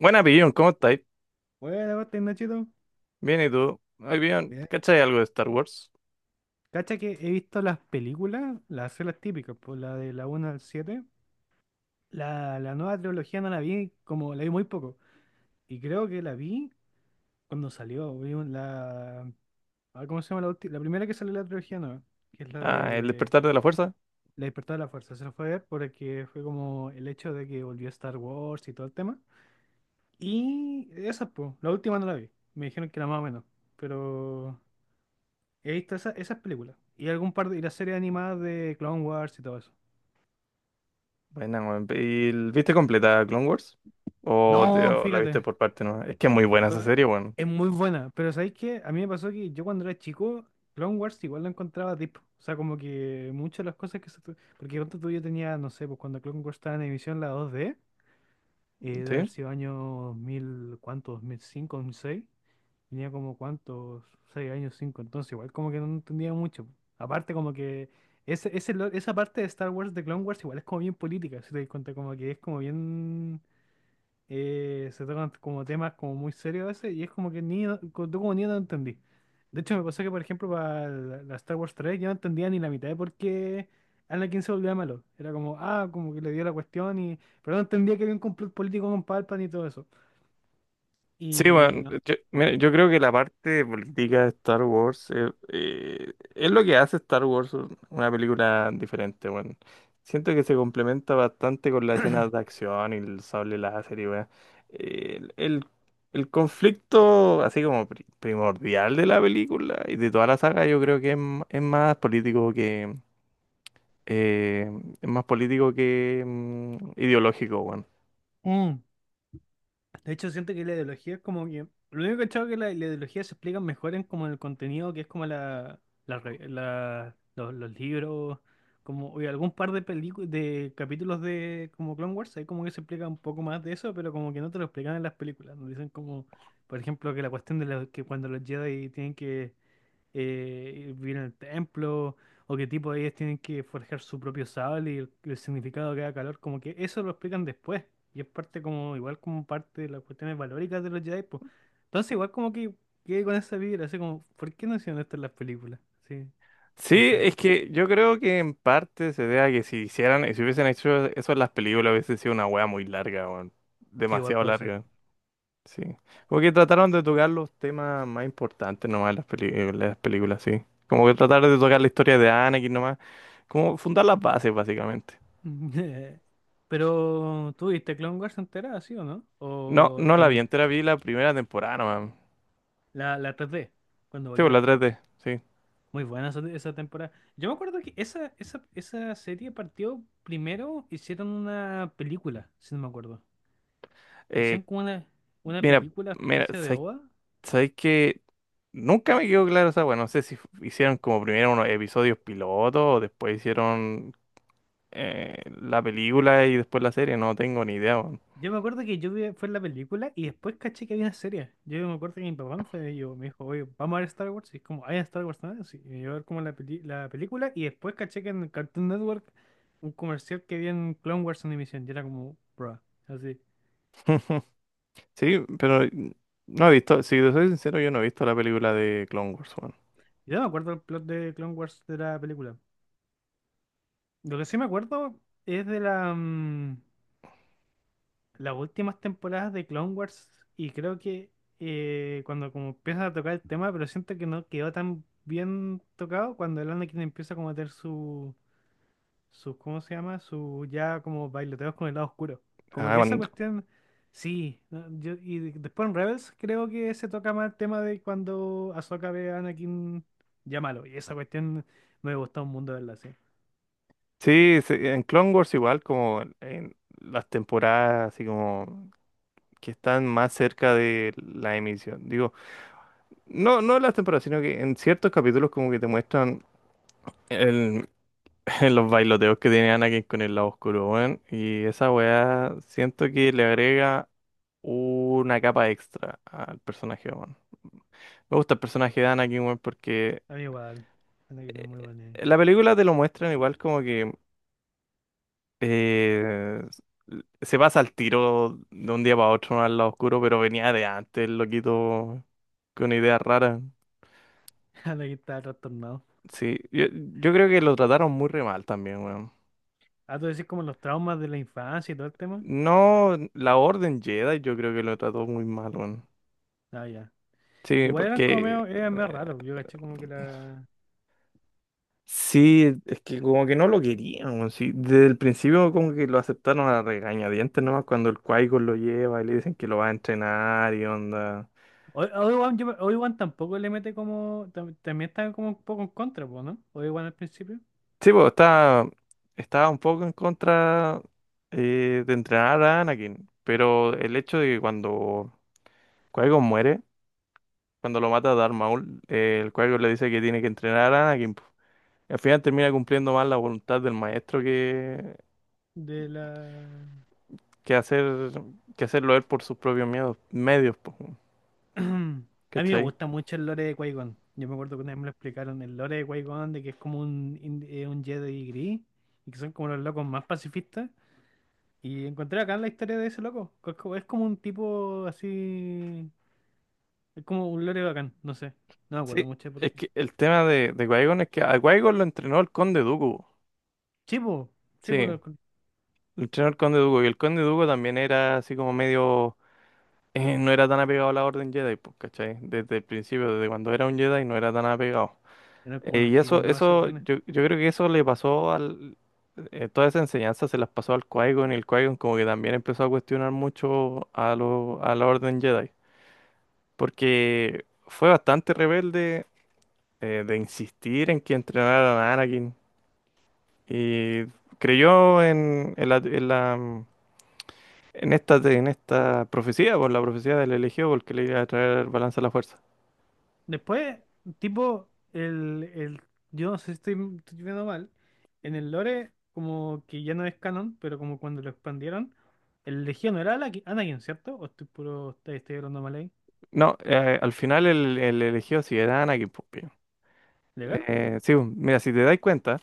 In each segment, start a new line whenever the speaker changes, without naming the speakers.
Buena, Pillón, ¿cómo estáis?
Bueno, pues, está chido.
Bien, ¿y tú? Ay, bien,
Mira,
¿cachai algo de Star Wars?
cacha que he visto las películas, las series típicas, pues la de la uno al 7. La nueva trilogía no la vi, como la vi muy poco. Y creo que la vi cuando salió. Vi un- la, ah, ¿Cómo se llama la última? La primera que salió de la trilogía nueva, que es la
Ah, el
de...
despertar de la fuerza.
La Despertada de la Fuerza. Se la fue a ver porque fue como el hecho de que volvió Star Wars y todo el tema. Y esa, pues, la última no la vi. Me dijeron que era más o menos. Pero he visto esas películas. Y algún par de, y las series animadas de Clone Wars y todo eso.
Buena, weón. ¿Y viste completa Clone Wars? ¿O,
No,
o la viste
fíjate.
por parte, no? Es que es muy buena esa
Weón,
serie, weón.
es muy buena. Pero ¿sabéis qué? A mí me pasó que yo cuando era chico, Clone Wars igual lo encontraba deep. O sea, como que muchas de las cosas que porque cuando tú yo tenía, no sé, pues cuando Clone Wars estaba en emisión la dos d de haber
¿Sí?
sido año dos mil, ¿cuánto? ¿2005, seis? Tenía como cuántos, seis años, cinco, entonces igual como que no entendía mucho. Aparte como que esa parte de Star Wars, de Clone Wars, igual es como bien política, si te das cuenta, como que es como bien... se tocan como temas como muy serios a veces y es como que ni, no- co- tú como niño no entendí. De hecho me pasó que por ejemplo para la Star Wars 3 yo no entendía ni la mitad de por qué Anakin se volvía malo. Era como, ah, como que le dio la cuestión y... Pero no entendía que había un complot político con Palpatine y todo eso.
Sí,
Y
bueno,
no.
yo, mira, yo creo que la parte de política de Star Wars es lo que hace Star Wars una película diferente, bueno. Siento que se complementa bastante con las escenas de acción y el sable láser y weón. El, el, el conflicto así como primordial de la película y de toda la saga yo creo que es, es más político que eh, es más político que ideológico, weón.
Mm. De hecho, siento que la ideología es como que... Lo único que he cachado es que la ideología se explica mejor en como el contenido, que es como la re- la- los libros, como o algún par de películas, de capítulos de como Clone Wars, ahí como que se explica un poco más de eso, pero como que no te lo explican en las películas. Nos dicen como, por ejemplo, que la cuestión de la- que cuando los Jedi tienen que vivir en el templo, o qué tipo de ellas tienen que forjar su propio sable y el significado de cada calor, como que eso lo explican después, y es parte como, igual como parte de las cuestiones valóricas de los Jedi, pues. Entonces igual como que quedé con esa vibra, así como, ¿por qué no hicieron esto en las películas? Sí,
Sí,
no sé,
es que yo creo que en parte se debe a que si hicieran, si hubiesen hecho eso en las películas, hubiese sido una wea muy larga, weón.
sí, igual
Demasiado
puede ser.
larga. Sí. Como que trataron de tocar los temas más importantes nomás en las películas, sí. Como que trataron de tocar la historia de Anakin nomás. Como fundar las bases, básicamente.
Pero ¿tú viste Clone Wars entera, sí o no?
No,
O
no la vi
también,
entera, vi la primera temporada nomás.
la 3D, cuando
Sí, pues la
volvió.
3D, sí.
Muy buena esa temporada. Yo me acuerdo que esa serie partió primero, hicieron una película, si no me acuerdo. Hicieron
Eh,
como una
mira,
película,
mira,
especie de
¿sabes
OVA.
Sabéis que nunca me quedó claro? O sea, bueno, no sé si hicieron como primero unos episodios pilotos o después hicieron la película y después la serie, no tengo ni idea, weón.
Yo me acuerdo que yo vi, fue la película y después caché que había una serie. Yo me acuerdo que mi papá me fue, yo, me dijo, oye, vamos a ver Star Wars. Y es como, ¿hay Star Wars también? Sí, y yo a ver como la película y después caché que en el Cartoon Network un comercial que había en Clone Wars Animation. Y era como, bro, así.
Sí, pero no he visto, si te soy sincero, yo no he visto la película de Clone Wars, weón.
Yo no me acuerdo el plot de Clone Wars de la película. Lo que sí me acuerdo es de la, mm, las últimas temporadas de Clone Wars y creo que cuando como empiezan a tocar el tema, pero siento que no quedó tan bien tocado cuando el Anakin empieza como a tener ¿cómo se llama? Su ya como bailoteos con el lado oscuro. Como
Ah,
que esa
cuando-
cuestión, sí. No, yo, y después en Rebels creo que se toca más el tema de cuando Ahsoka ve a Anakin ya malo. Y esa cuestión me gustó un mundo verla así.
sí, sí, en Clone Wars igual como en las temporadas así como que están más cerca de la emisión. Digo, no, no las temporadas, sino que en ciertos capítulos como que te muestran. Los bailoteos que tiene Anakin con el lado oscuro, weón. Y esa weá siento que le agrega una capa extra al personaje, weón. Me gusta el personaje de Anakin, weón, porque
A mí igual, Anakin es muy
eh,
bueno.
en la película te lo muestran igual como que eh, se pasa al tiro de un día para otro, ¿no?, al lado oscuro, pero venía de antes, el loquito, con ideas raras.
Aquí estaba trastornado.
Sí, yo creo que lo trataron muy re mal también, weón.
Ah, tú decís como los traumas de la infancia y todo el tema.
No, la Orden Jedi yo creo que lo trató muy mal, weón.
Ah, ya.
Sí,
Igual eran como
porque
medio, eran medio raros. Yo caché como que la.
sí, es que como que no lo querían, sí. Desde el principio como que lo aceptaron a regañadientes nomás cuando el qui lo lleva y le dicen que lo va a entrenar y onda.
Obi-Wan, yo Obi-Wan tampoco le mete como... también está como un poco en contra, po, ¿no? Obi-Wan al principio.
Sí, pues estaba un poco en contra de entrenar a Anakin, pero el hecho de que cuando qui muere, cuando lo mata Darth Maul, el qui le dice que tiene que entrenar a Anakin, po. Al final termina cumpliendo más la voluntad del maestro
De la.
que hacer que hacerlo él por sus propios miedos, medios, po, weón,
A mí me
¿cachai?
gusta mucho el lore de Qui-Gon. Yo me acuerdo que una vez me lo explicaron. El lore de Qui-Gon, de que es como un Jedi gris. Y que son como los locos más pacifistas. Y encontré acá la historia de ese loco. Que es como, es como un tipo así. Es como un lore bacán, no sé. No me acuerdo
Sí,
mucho
es
porque.
que el tema de Qui-Gon es que a qui lo entrenó el Conde Dooku,
Sí, po, sí, po,
sí, lo entrenó el Conde Dooku, y el Conde Dooku también era así como medio, no era tan apegado a la Orden Jedi, pues, ¿cachai? Desde el principio, desde cuando era un Jedi, no era tan apegado.
era como unos
Y
hippies
eso,
nomás esos
eso,
weones.
yo creo que eso le pasó al... toda esa enseñanza se las pasó al Qui-Gon y el Qui-Gon como que también empezó a cuestionar mucho a la Orden Jedi. Porque fue bastante rebelde de insistir en que entrenaran a Anakin y creyó en esta profecía, por la profecía del elegido, porque le iba a traer balance a la fuerza.
Después, tipo, el, el. Yo no sé si estoy viendo mal. En el lore, como que ya no es canon, pero como cuando lo expandieron, el Legión era Anakin, ¿cierto? ¿O estoy puro... estoy hablando mal ahí?
No, al final el elegido sí era Anakin, pues, pío.
¿Legal?
Sí, pues, mira, si te das cuenta,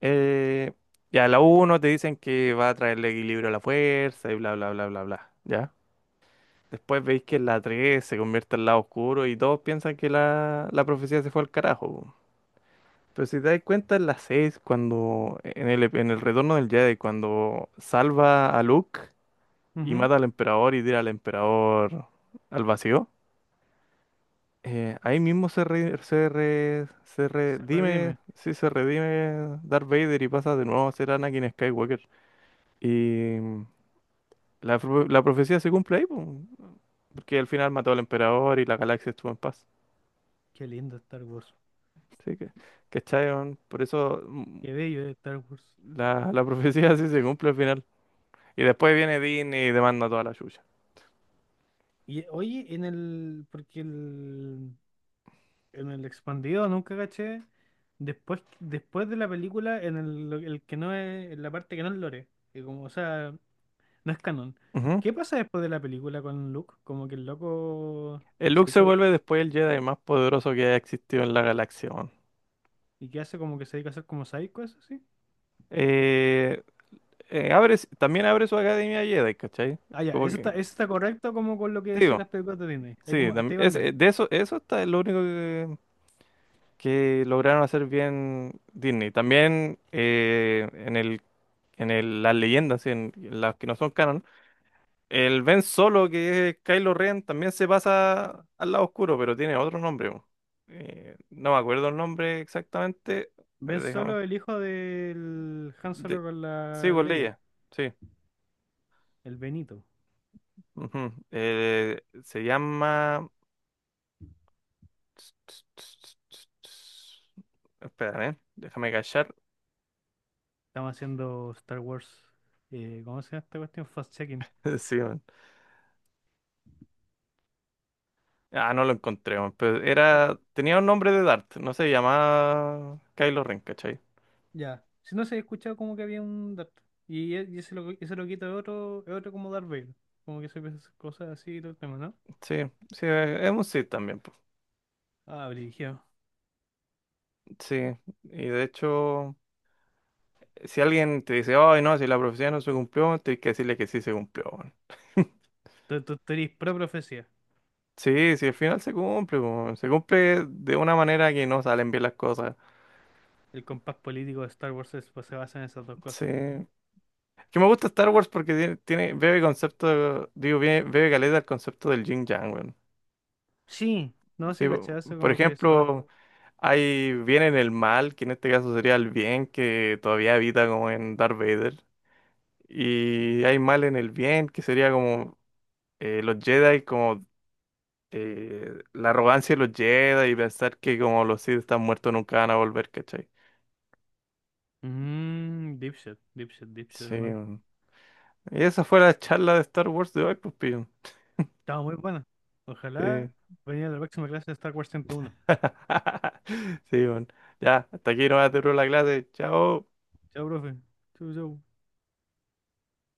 eh, ya la uno te dicen que va a traerle equilibrio a la fuerza y bla, bla, bla, bla, bla, ¿ya? Después veis que la 3 se convierte al lado oscuro y todos piensan que la profecía se fue al carajo, po. Pero si te das cuenta, en la 6 cuando en el retorno del Jedi, cuando salva a Luke y
Ujú.
mata al emperador y tira al emperador al vacío, ahí mismo se
Se
redime,
redime.
sí, se redime Darth Vader y pasa de nuevo a ser Anakin Skywalker. Y la profecía se cumple ahí, po, porque al final mató al emperador y la galaxia estuvo en paz.
Qué lindo Star Wars.
Sí, que, ¿cachai, weón? Por eso
Qué bello es Star Wars.
la, la profecía sí se cumple al final. Y después viene Disney y demanda toda la chucha.
Y oye, en el. Porque el. En el expandido nunca caché. Después de la película, en el que no es, en la parte que no es lore, que como, o sea, no es canon.
Ujú.
¿Qué pasa después de la película con Luke? Como que el loco
El
se
Luke se
dedica
vuelve después el Jedi más poderoso que ha existido en la galaxia, weón.
y que hace como que se dedica a hacer como psycho, eso sí.
Eh, también abre su academia Jedi, ¿cachai?
Ah, ya,
Como que,
eso está correcto como con lo que
sí,
decían
weón.
las películas de Disney. Ahí
Sí,
como, hasta ahí van bien.
de eso, eso está es lo único que lograron hacer bien Disney. También en el, las leyendas, en las que no son canon, el Ben Solo, que es Kylo Ren, también se pasa al lado oscuro, pero tiene otro nombre, po. No me acuerdo el nombre exactamente. A
Ven
ver, déjame.
Solo, el hijo del Han Solo
De...
con
Sí,
la
pues
Leia,
leía. Sí.
el Benito.
Ujú. Se llama. Espera, ¿eh? Déjame callar.
Estamos haciendo Star Wars, ¿cómo se llama esta cuestión? Fast check.
Sí, man. Ah, no lo encontré, man. Pero era. Tenía un nombre de Dart. No se llamaba Kylo Ren, ¿cachai?
Ya. Si no se había escuchado como que había un Darth. Y ese, lo, ese loquito es otro como Darth Vader. Como que se ve esas cosas así y todo el tema, ¿no?
Sí, sí, es un Sith también, po.
Ah, brígido.
Sí. Y de hecho. Si alguien te dice, ay, no, si la profecía no se cumplió, tienes que decirle que sí se cumplió, weón.
Tú eres pro profecía.
Sí, sí, al final se cumple, weón. Se cumple de una manera que no salen bien las cosas.
El compás político de Star Wars pues, se basa en esas dos
Sí.
cosas.
Que me gusta Star Wars porque bebe caleta el concepto del yin yang, weón.
Sí. No
Sí,
sé, cachai, eso
por
como que se basa.
ejemplo, hay bien en el mal, que en este caso sería el bien, que todavía habita como en Darth Vader. Y hay mal en el bien, que sería como los Jedi como la arrogancia de los Jedi y pensar que como los Sith están muertos nunca van a volver, ¿cachai?
Mmm, dipshit, dipshit, dipshit,
Sí,
hermano.
weón. Y esa fue la charla de Star Wars de hoy, pues, pillo.
Estaba muy buena. Ojalá
Sí.
venía la próxima clase de Star Wars 101.
Sí, bueno. Ya, hasta aquí nomás te la clase. Chao.
Chao, profe. Chau, chau.